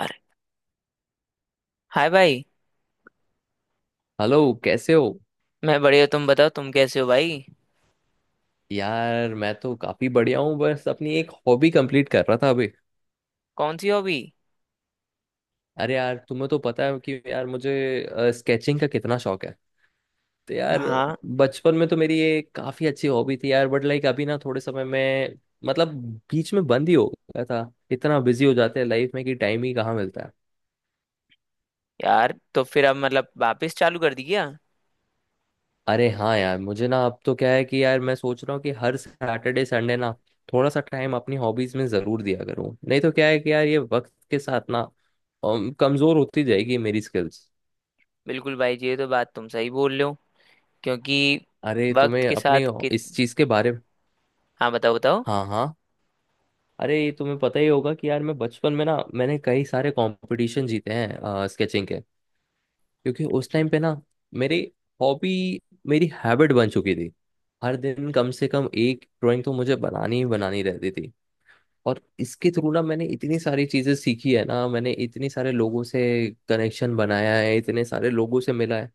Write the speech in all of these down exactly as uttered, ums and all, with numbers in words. अरे! हाय भाई। हेलो। कैसे हो? मैं बढ़िया, तुम बताओ, तुम कैसे हो भाई? यार, मैं तो काफी बढ़िया हूँ। बस अपनी एक हॉबी कंप्लीट कर रहा था अभी। कौन सी हॉबी? अरे यार, तुम्हें तो पता है कि यार मुझे स्केचिंग का कितना शौक है। तो यार हाँ, बचपन में तो मेरी ये काफी अच्छी हॉबी थी यार, बट लाइक अभी ना थोड़े समय में मतलब बीच में बंद ही हो गया था। इतना बिजी हो जाते हैं लाइफ में कि टाइम ही कहाँ मिलता है। यार तो फिर अब मतलब वापस चालू कर दी क्या? अरे हाँ यार, मुझे ना अब तो क्या है कि यार मैं सोच रहा हूँ कि हर सैटरडे संडे ना थोड़ा सा टाइम अपनी हॉबीज में जरूर दिया करूँ। नहीं तो क्या है कि यार ये वक्त के साथ ना अम, कमजोर होती जाएगी मेरी स्किल्स। बिल्कुल भाई जी, ये तो बात तुम सही बोल रहे हो। क्योंकि अरे, वक्त तुम्हें के अपने साथ कि... इस चीज के बारे में। हाँ, बताओ बताओ। हाँ, हाँ। अरे, ये तुम्हें पता ही होगा कि यार मैं बचपन में ना मैंने कई सारे कंपटीशन जीते हैं स्केचिंग के, क्योंकि उस टाइम पे ना मेरी हॉबी, मेरी हैबिट बन चुकी थी। हर दिन कम से कम एक ड्राइंग तो मुझे बनानी ही बनानी रहती थी। और इसके थ्रू ना मैंने इतनी सारी चीजें सीखी है ना, मैंने इतने सारे लोगों से कनेक्शन बनाया है, इतने सारे लोगों से मिला है।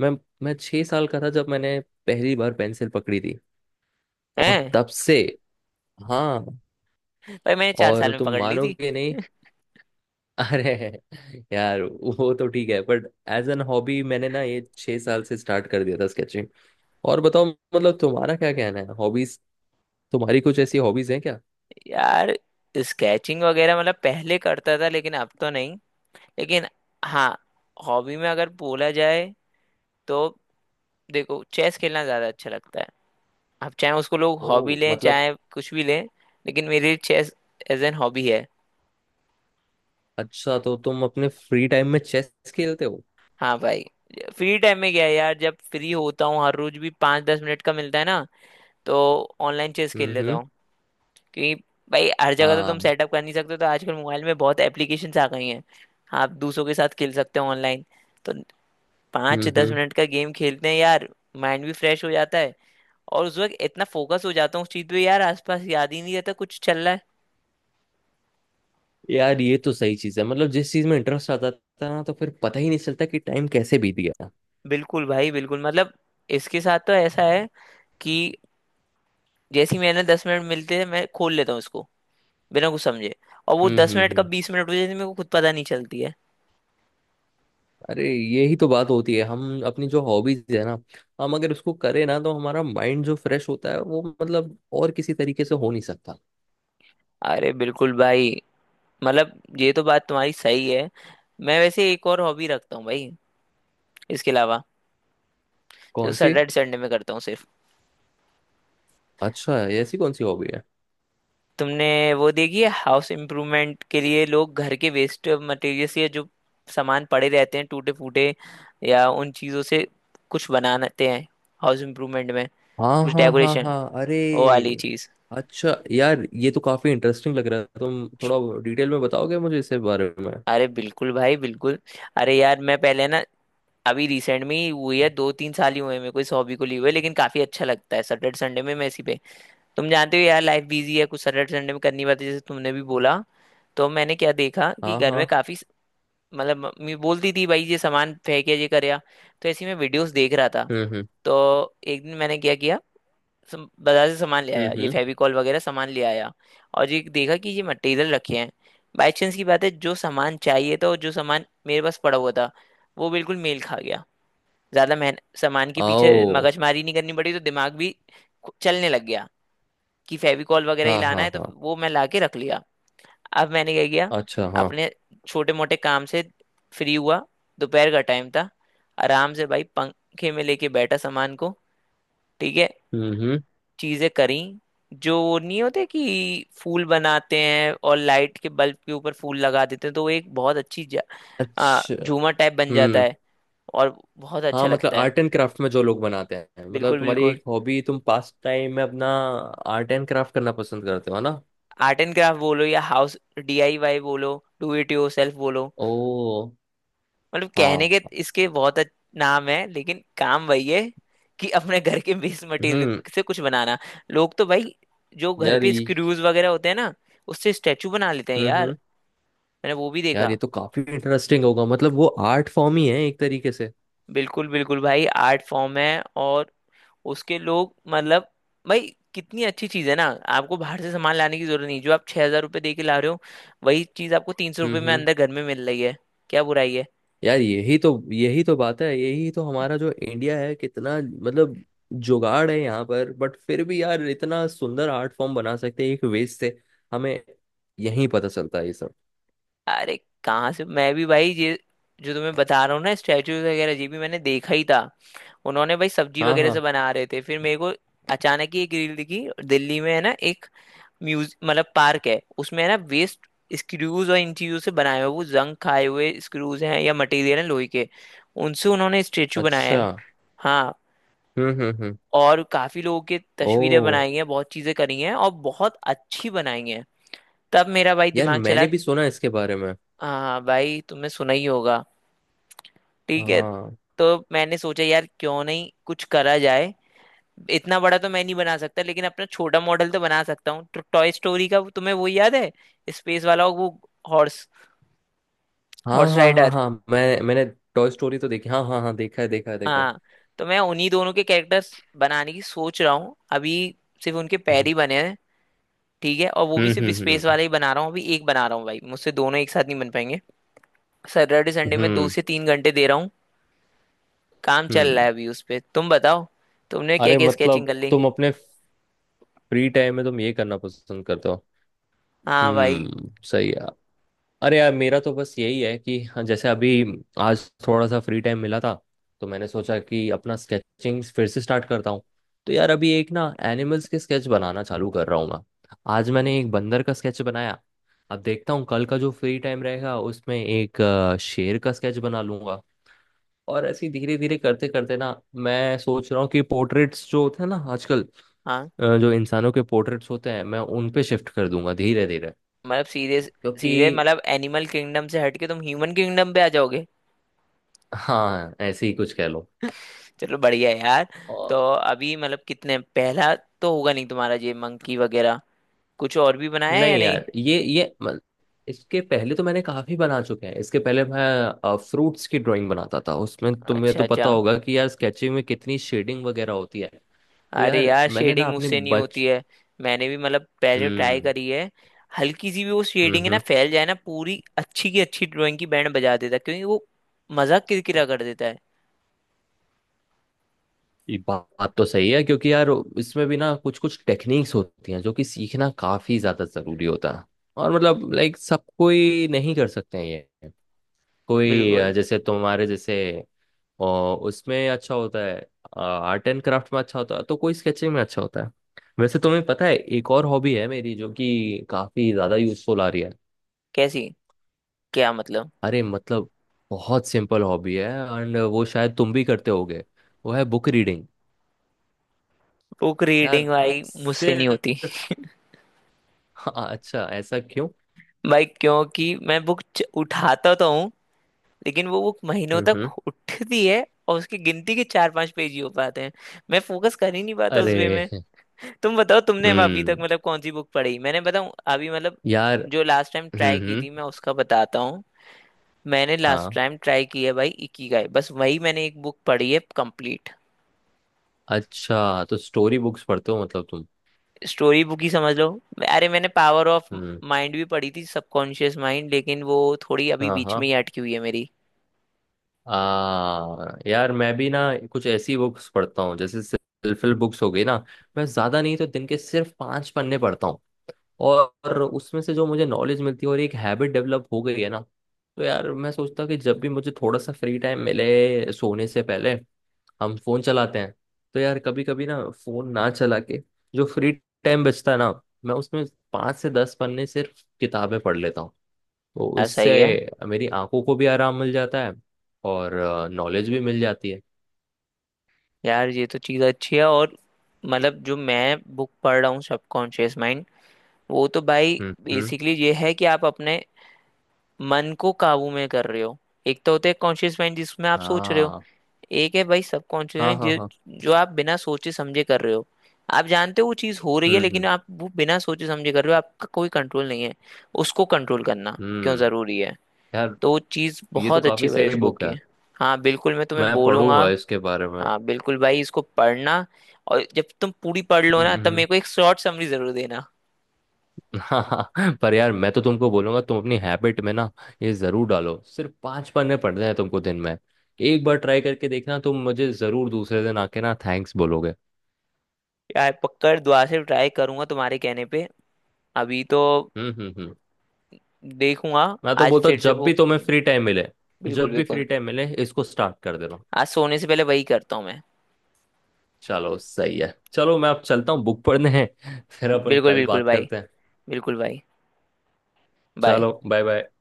मैं मैं छह साल का था जब मैंने पहली बार पेंसिल पकड़ी थी। और हैं? तब से, हाँ, भाई मैंने चार साल और में तुम पकड़ ली थी। मानोगे नहीं। अरे यार, वो तो ठीक है बट एज एन हॉबी मैंने ना ये छह साल से स्टार्ट कर दिया था स्केचिंग। और बताओ, मतलब तुम्हारा क्या कहना है हॉबीज? तुम्हारी कुछ ऐसी हॉबीज हैं क्या? यार स्केचिंग वगैरह मतलब पहले करता था, लेकिन अब तो नहीं। लेकिन हाँ, हॉबी में अगर बोला जाए तो देखो, चेस खेलना ज्यादा अच्छा लगता है। अब चाहे उसको लोग हॉबी ओ, लें मतलब। चाहे कुछ भी लें, लेकिन मेरे लिए चेस एज एन हॉबी है। अच्छा, तो तुम अपने फ्री टाइम में चेस खेलते हो? हाँ भाई। फ्री टाइम में क्या है यार, जब फ्री होता हूँ हर रोज भी पाँच दस मिनट का मिलता है ना, तो ऑनलाइन चेस खेल लेता हम्म। हूँ। क्योंकि भाई हर जगह तो तुम हाँ। सेटअप कर नहीं सकते, तो आजकल मोबाइल में बहुत एप्लीकेशंस आ गई हैं। हाँ, आप दूसरों के साथ खेल सकते हो ऑनलाइन, तो पाँच दस हम्म। मिनट का गेम खेलते हैं यार। माइंड भी फ्रेश हो जाता है, और उस वक्त इतना फोकस हो जाता हूँ उस चीज़ पे यार, आसपास याद ही नहीं रहता कुछ चल रहा है। यार, ये तो सही चीज है, मतलब जिस चीज में इंटरेस्ट आता था ना तो फिर पता ही नहीं चलता कि टाइम कैसे बीत गया। बिल्कुल भाई बिल्कुल। मतलब इसके साथ तो ऐसा है कि जैसे ही मैंने दस मिनट मिलते हैं, मैं खोल लेता हूँ इसको, बिना कुछ समझे, और वो हम्म, दस हम्म, मिनट कब हम्म। बीस मिनट हो जाती है, मेरे को खुद पता नहीं चलती है। अरे, यही तो बात होती है, हम अपनी जो हॉबीज है ना, हम अगर उसको करें ना तो हमारा माइंड जो फ्रेश होता है वो मतलब और किसी तरीके से हो नहीं सकता। अरे बिल्कुल भाई, मतलब ये तो बात तुम्हारी सही है। मैं वैसे एक और हॉबी रखता हूँ भाई, इसके अलावा, जो कौन सी? सैटरडे संडे में करता हूँ सिर्फ। अच्छा, ऐसी कौन सी हॉबी है? तुमने वो देखी है, हाउस इम्प्रूवमेंट के लिए लोग घर के वेस्ट मटेरियल्स या जो सामान पड़े रहते हैं टूटे फूटे, या उन चीज़ों से कुछ बनाते हैं, हाउस इम्प्रूवमेंट में, हाँ, कुछ हाँ, हाँ, डेकोरेशन हाँ। अरे। ओ वाली चीज? अच्छा यार, ये तो काफी इंटरेस्टिंग लग रहा है। तुम थोड़ा डिटेल में बताओगे मुझे इसके बारे में? अरे बिल्कुल भाई बिल्कुल। अरे यार मैं पहले ना, अभी रिसेंट में ही हुई है, दो तीन साल ही हुए हैं मेरे को इस हॉबी को लिए हुए, लेकिन काफी अच्छा लगता है। सैटरडे संडे में मैं इसी पे, तुम जानते हो यार, लाइफ बिजी है, कुछ सैटरडे संडे में करनी पड़ती है, जैसे तुमने भी बोला। तो मैंने क्या देखा कि हाँ, घर में हाँ। काफी स- मतलब, मम्मी बोलती थी भाई ये सामान फेंके ये कर या, तो ऐसे ही मैं वीडियोस देख रहा था। हम्म, हम्म, तो एक दिन मैंने क्या किया, सम, बाजार से सामान ले आया, ये हम्म। फेविकॉल वगैरह सामान ले आया, और ये देखा कि ये मटेरियल रखे हैं। बाई चांस की बात है, जो सामान चाहिए था और जो सामान मेरे पास पड़ा हुआ था, वो बिल्कुल मेल खा गया। ज्यादा मेहनत सामान के पीछे, आओ। मगजमारी नहीं करनी पड़ी, तो दिमाग भी खु- चलने लग गया कि फेविकॉल वगैरह ही हाँ, लाना हाँ, है, तो हाँ। वो मैं ला के रख लिया। अब मैंने क्या किया, अच्छा। हाँ। अपने छोटे मोटे काम से फ्री हुआ, दोपहर का टाइम था, आराम से भाई पंखे में लेके बैठा सामान को, ठीक है, हम्म, हम्म। चीजें करी। जो वो नहीं होते कि फूल बनाते हैं और लाइट के बल्ब के ऊपर फूल लगा देते हैं, तो वो एक बहुत अच्छी जा- आ, अच्छा। झूमर टाइप बन जाता हम्म। है, और बहुत अच्छा हाँ, मतलब लगता है। आर्ट एंड क्राफ्ट में जो लोग बनाते हैं, मतलब बिल्कुल तुम्हारी बिल्कुल। एक हॉबी, तुम पास टाइम में अपना आर्ट एंड क्राफ्ट करना पसंद करते हो, है ना? आर्ट एंड क्राफ्ट बोलो या हाउस डीआईवाई बोलो, डू इट योरसेल्फ बोलो, ओ। मतलब कहने हाँ। के इसके बहुत अच्छे नाम है, लेकिन काम वही है कि अपने घर के वेस्ट मटेरियल हम्म। से कुछ बनाना। लोग तो भाई जो घर यार, पे ये... स्क्रूज वगैरह होते हैं ना, उससे स्टेचू बना लेते हैं हम्म, यार, हम्म। मैंने वो भी यार, ये देखा। तो काफी इंटरेस्टिंग होगा, मतलब वो आर्ट फॉर्म ही है एक तरीके से। बिल्कुल बिल्कुल भाई, आर्ट फॉर्म है, और उसके लोग मतलब, भाई कितनी अच्छी चीज है ना, आपको बाहर से सामान लाने की जरूरत नहीं। जो आप छह हजार रुपये दे के ला रहे हो, वही चीज आपको तीन सौ रुपये में हम्म। अंदर घर में मिल रही है, क्या बुराई है? यार, यही तो, यही तो बात है, यही तो हमारा जो इंडिया है, कितना मतलब जुगाड़ है यहाँ पर, बट फिर भी यार इतना सुंदर आर्ट फॉर्म बना सकते हैं एक वेस्ट से। हमें यही पता चलता है ये सब। अरे कहाँ से, मैं भी भाई ये जो तुम्हें बता रहा हूँ ना स्टैचू वगैरह, ये भी मैंने देखा ही था। उन्होंने भाई सब्जी हाँ, वगैरह से हाँ। बना रहे थे, फिर मेरे को अचानक ही एक रील दिखी। दिल्ली में है ना एक म्यूज मतलब पार्क है उसमें, है ना, वेस्ट स्क्रूज और इन चीजों से बनाए हुए, वो जंग खाए हुए स्क्रूज हैं या मटेरियल है लोहे के, उनसे उन्होंने स्टेचू बनाया अच्छा। है। हाँ, हम्म, हम्म, हम्म। और काफी लोगों के ओ। तस्वीरें बनाई हैं, बहुत चीजें करी हैं और बहुत अच्छी बनाई हैं। तब मेरा भाई यार, दिमाग चला। मैंने भी सुना है इसके बारे में। हाँ भाई, तुमने सुना ही होगा। ठीक है, हाँ, तो मैंने सोचा यार क्यों नहीं कुछ करा जाए, इतना बड़ा तो मैं नहीं बना सकता, लेकिन अपना छोटा मॉडल तो बना सकता हूँ। तो टॉय स्टोरी का तुम्हें वो याद है, स्पेस वाला वो हॉर्स, हाँ, हॉर्स हाँ, हाँ, राइडर? हाँ। मैं मैंने टॉय स्टोरी तो देखी, हाँ, हाँ, हाँ, देखा है, देखा है, देखा है। हाँ, तो मैं उन्हीं दोनों के कैरेक्टर्स बनाने की सोच रहा हूँ अभी, सिर्फ उनके पैर हम्म, ही बने हैं। ठीक है, और वो भी हम्म, सिर्फ स्पेस हम्म, वाले ही बना रहा हूँ अभी, एक बना रहा हूँ भाई, मुझसे दोनों एक साथ नहीं बन पाएंगे। सैटरडे संडे हम्म, में दो हम्म, से तीन घंटे दे रहा हूँ, काम चल हम्म। रहा है अभी उस पे। तुम बताओ, तुमने क्या अरे, क्या स्केचिंग मतलब कर ली? तुम अपने फ्री टाइम में तुम ये करना पसंद करते हो। हाँ भाई। हम्म, सही है। अरे यार, मेरा तो बस यही है कि हाँ, जैसे अभी आज थोड़ा सा फ्री टाइम मिला था, तो मैंने सोचा कि अपना स्केचिंग फिर से स्टार्ट करता हूँ। तो यार, अभी एक ना एनिमल्स के स्केच बनाना चालू कर रहा हूँ मैं। आज मैंने एक बंदर का स्केच बनाया। अब देखता हूँ कल का जो फ्री टाइम रहेगा उसमें एक अ, शेर का स्केच बना लूंगा। और ऐसे धीरे धीरे करते करते ना मैं सोच रहा हूँ कि पोर्ट्रेट्स जो होते हैं ना आजकल, हाँ अ, जो इंसानों के पोर्ट्रेट्स होते हैं, मैं उन पे शिफ्ट कर दूंगा धीरे धीरे। मतलब सीधे, क्योंकि... सीधे मतलब एनिमल किंगडम से हट के तुम ह्यूमन किंगडम पे आ जाओगे। हाँ, ऐसे ही कुछ कह लो। चलो बढ़िया है यार। तो और... अभी मतलब कितने, पहला तो होगा नहीं तुम्हारा, ये मंकी वगैरह कुछ और भी बनाया है या नहीं नहीं? यार, ये ये म- इसके पहले तो मैंने काफी बना चुके हैं। इसके पहले मैं फ्रूट्स की ड्राइंग बनाता था, उसमें तुम्हें अच्छा तो अच्छा। पता होगा कि यार स्केचिंग में कितनी शेडिंग वगैरह होती है। तो अरे यार यार मैंने ना शेडिंग अपने मुझसे नहीं बच... होती है, मैंने भी मतलब पहले तो ट्राई हम्म, करी है। हल्की सी भी वो हम्म, शेडिंग है ना, हम्म। फैल जाए ना, पूरी अच्छी की अच्छी ड्राइंग की बैंड बजा देता है, क्योंकि वो मजाक किरकिरा कर देता है। ये बात तो सही है, क्योंकि यार इसमें भी ना कुछ कुछ टेक्निक्स होती हैं जो कि सीखना काफी ज्यादा जरूरी होता है। और मतलब लाइक सब कोई नहीं कर सकते हैं ये। कोई बिल्कुल। अ, जैसे तुम्हारे जैसे, और उसमें अच्छा होता है, आर्ट एंड क्राफ्ट में अच्छा होता है, तो कोई स्केचिंग में अच्छा होता है। वैसे, तुम्हें पता है, एक और हॉबी है मेरी जो कि काफी ज्यादा यूजफुल आ रही है। कैसी? क्या मतलब? अरे, मतलब बहुत सिंपल हॉबी है, एंड वो शायद तुम भी करते होगे। वो है बुक रीडिंग। बुक रीडिंग यार, भाई मुझसे नहीं होती। सिर्फ... हाँ, अच्छा ऐसा क्यों? भाई क्योंकि मैं बुक उठाता तो हूँ, लेकिन वो बुक महीनों हम्म, तक हम्म। उठती है और उसकी गिनती के चार पांच पेज ही हो पाते हैं। मैं फोकस कर ही नहीं पाता उस वे अरे। में। तुम बताओ, तुमने अभी तक हम्म। मतलब कौन सी बुक पढ़ी? मैंने बताऊं अभी, मतलब यार। जो लास्ट टाइम ट्राई हम्म, की हम्म। थी मैं उसका बताता हूँ। मैंने लास्ट हाँ। टाइम ट्राई किया भाई इकिगाई, बस वही मैंने एक बुक पढ़ी है कंप्लीट। अच्छा, तो स्टोरी बुक्स पढ़ते हो मतलब तुम? स्टोरी बुक ही समझ लो। अरे मैंने पावर ऑफ हम्म। माइंड भी पढ़ी थी, सबकॉन्शियस माइंड, लेकिन वो थोड़ी अभी हाँ, बीच में हाँ। ही अटकी हुई है मेरी। आ, यार, मैं भी ना कुछ ऐसी बुक्स पढ़ता हूँ, जैसे सेल्फ हेल्प बुक्स हो गई ना। मैं ज्यादा नहीं तो दिन के सिर्फ पांच पन्ने पढ़ता हूँ, और उसमें से जो मुझे नॉलेज मिलती है और एक हैबिट डेवलप हो गई है ना। तो यार, मैं सोचता हूँ कि जब भी मुझे थोड़ा सा फ्री टाइम मिले, सोने से पहले हम फोन चलाते हैं, तो यार कभी कभी ना फोन ना चला के, जो फ्री टाइम बचता है ना, मैं उसमें पांच से दस पन्ने सिर्फ किताबें पढ़ लेता हूँ। तो यार उससे सही है। मेरी आंखों को भी आराम मिल जाता है, और नॉलेज भी मिल जाती है। यार ये तो चीज़ अच्छी है। और मतलब जो मैं बुक पढ़ रहा हूँ सबकॉन्शियस माइंड, वो तो भाई हम्म, हम्म। बेसिकली ये है कि आप अपने मन को काबू में कर रहे हो। एक तो होता है कॉन्शियस माइंड जिसमें आप सोच रहे हो, हाँ, एक है भाई सबकॉन्शियस हाँ, माइंड हाँ, हाँ। जो जो आप बिना सोचे समझे कर रहे हो। आप जानते हो वो चीज़ हो रही है, हम्म, लेकिन हम्म, आप वो बिना सोचे समझे कर रहे हो, आपका कोई कंट्रोल नहीं है। उसको कंट्रोल करना क्यों हम्म। ज़रूरी है, यार, तो वो चीज़ ये तो बहुत अच्छी काफी है भाई सही उस बुक बुक की। है। हाँ बिल्कुल, मैं तुम्हें मैं बोलूंगा। पढ़ूंगा इसके बारे में। हाँ बिल्कुल भाई, इसको पढ़ना, और जब तुम पूरी पढ़ लो हम्म, ना, तब हम्म। मेरे को एक शॉर्ट समरी जरूर देना। हाँ, हाँ। पर यार, मैं तो तुमको बोलूंगा, तुम अपनी हैबिट में ना ये जरूर डालो। सिर्फ पांच पन्ने पढ़ने हैं तुमको दिन में। एक बार ट्राई करके देखना, तुम मुझे जरूर दूसरे दिन आके ना थैंक्स बोलोगे। यार पक्का दुआ से ट्राई करूंगा, तुम्हारे कहने पे अभी तो हम्म, हम्म, हम्म। देखूंगा। मैं तो आज बोलता हूँ फिर से जब भी वो, तुम्हें फ्री टाइम मिले, बिल्कुल जब भी बिल्कुल, फ्री टाइम मिले इसको स्टार्ट कर देना। आज सोने से पहले वही करता हूँ मैं। चलो, सही है, चलो मैं अब चलता हूँ, बुक पढ़ने हैं, फिर अपन बिल्कुल कल बिल्कुल बात भाई, करते हैं। बिल्कुल भाई, बाय। चलो, बाय, बाय।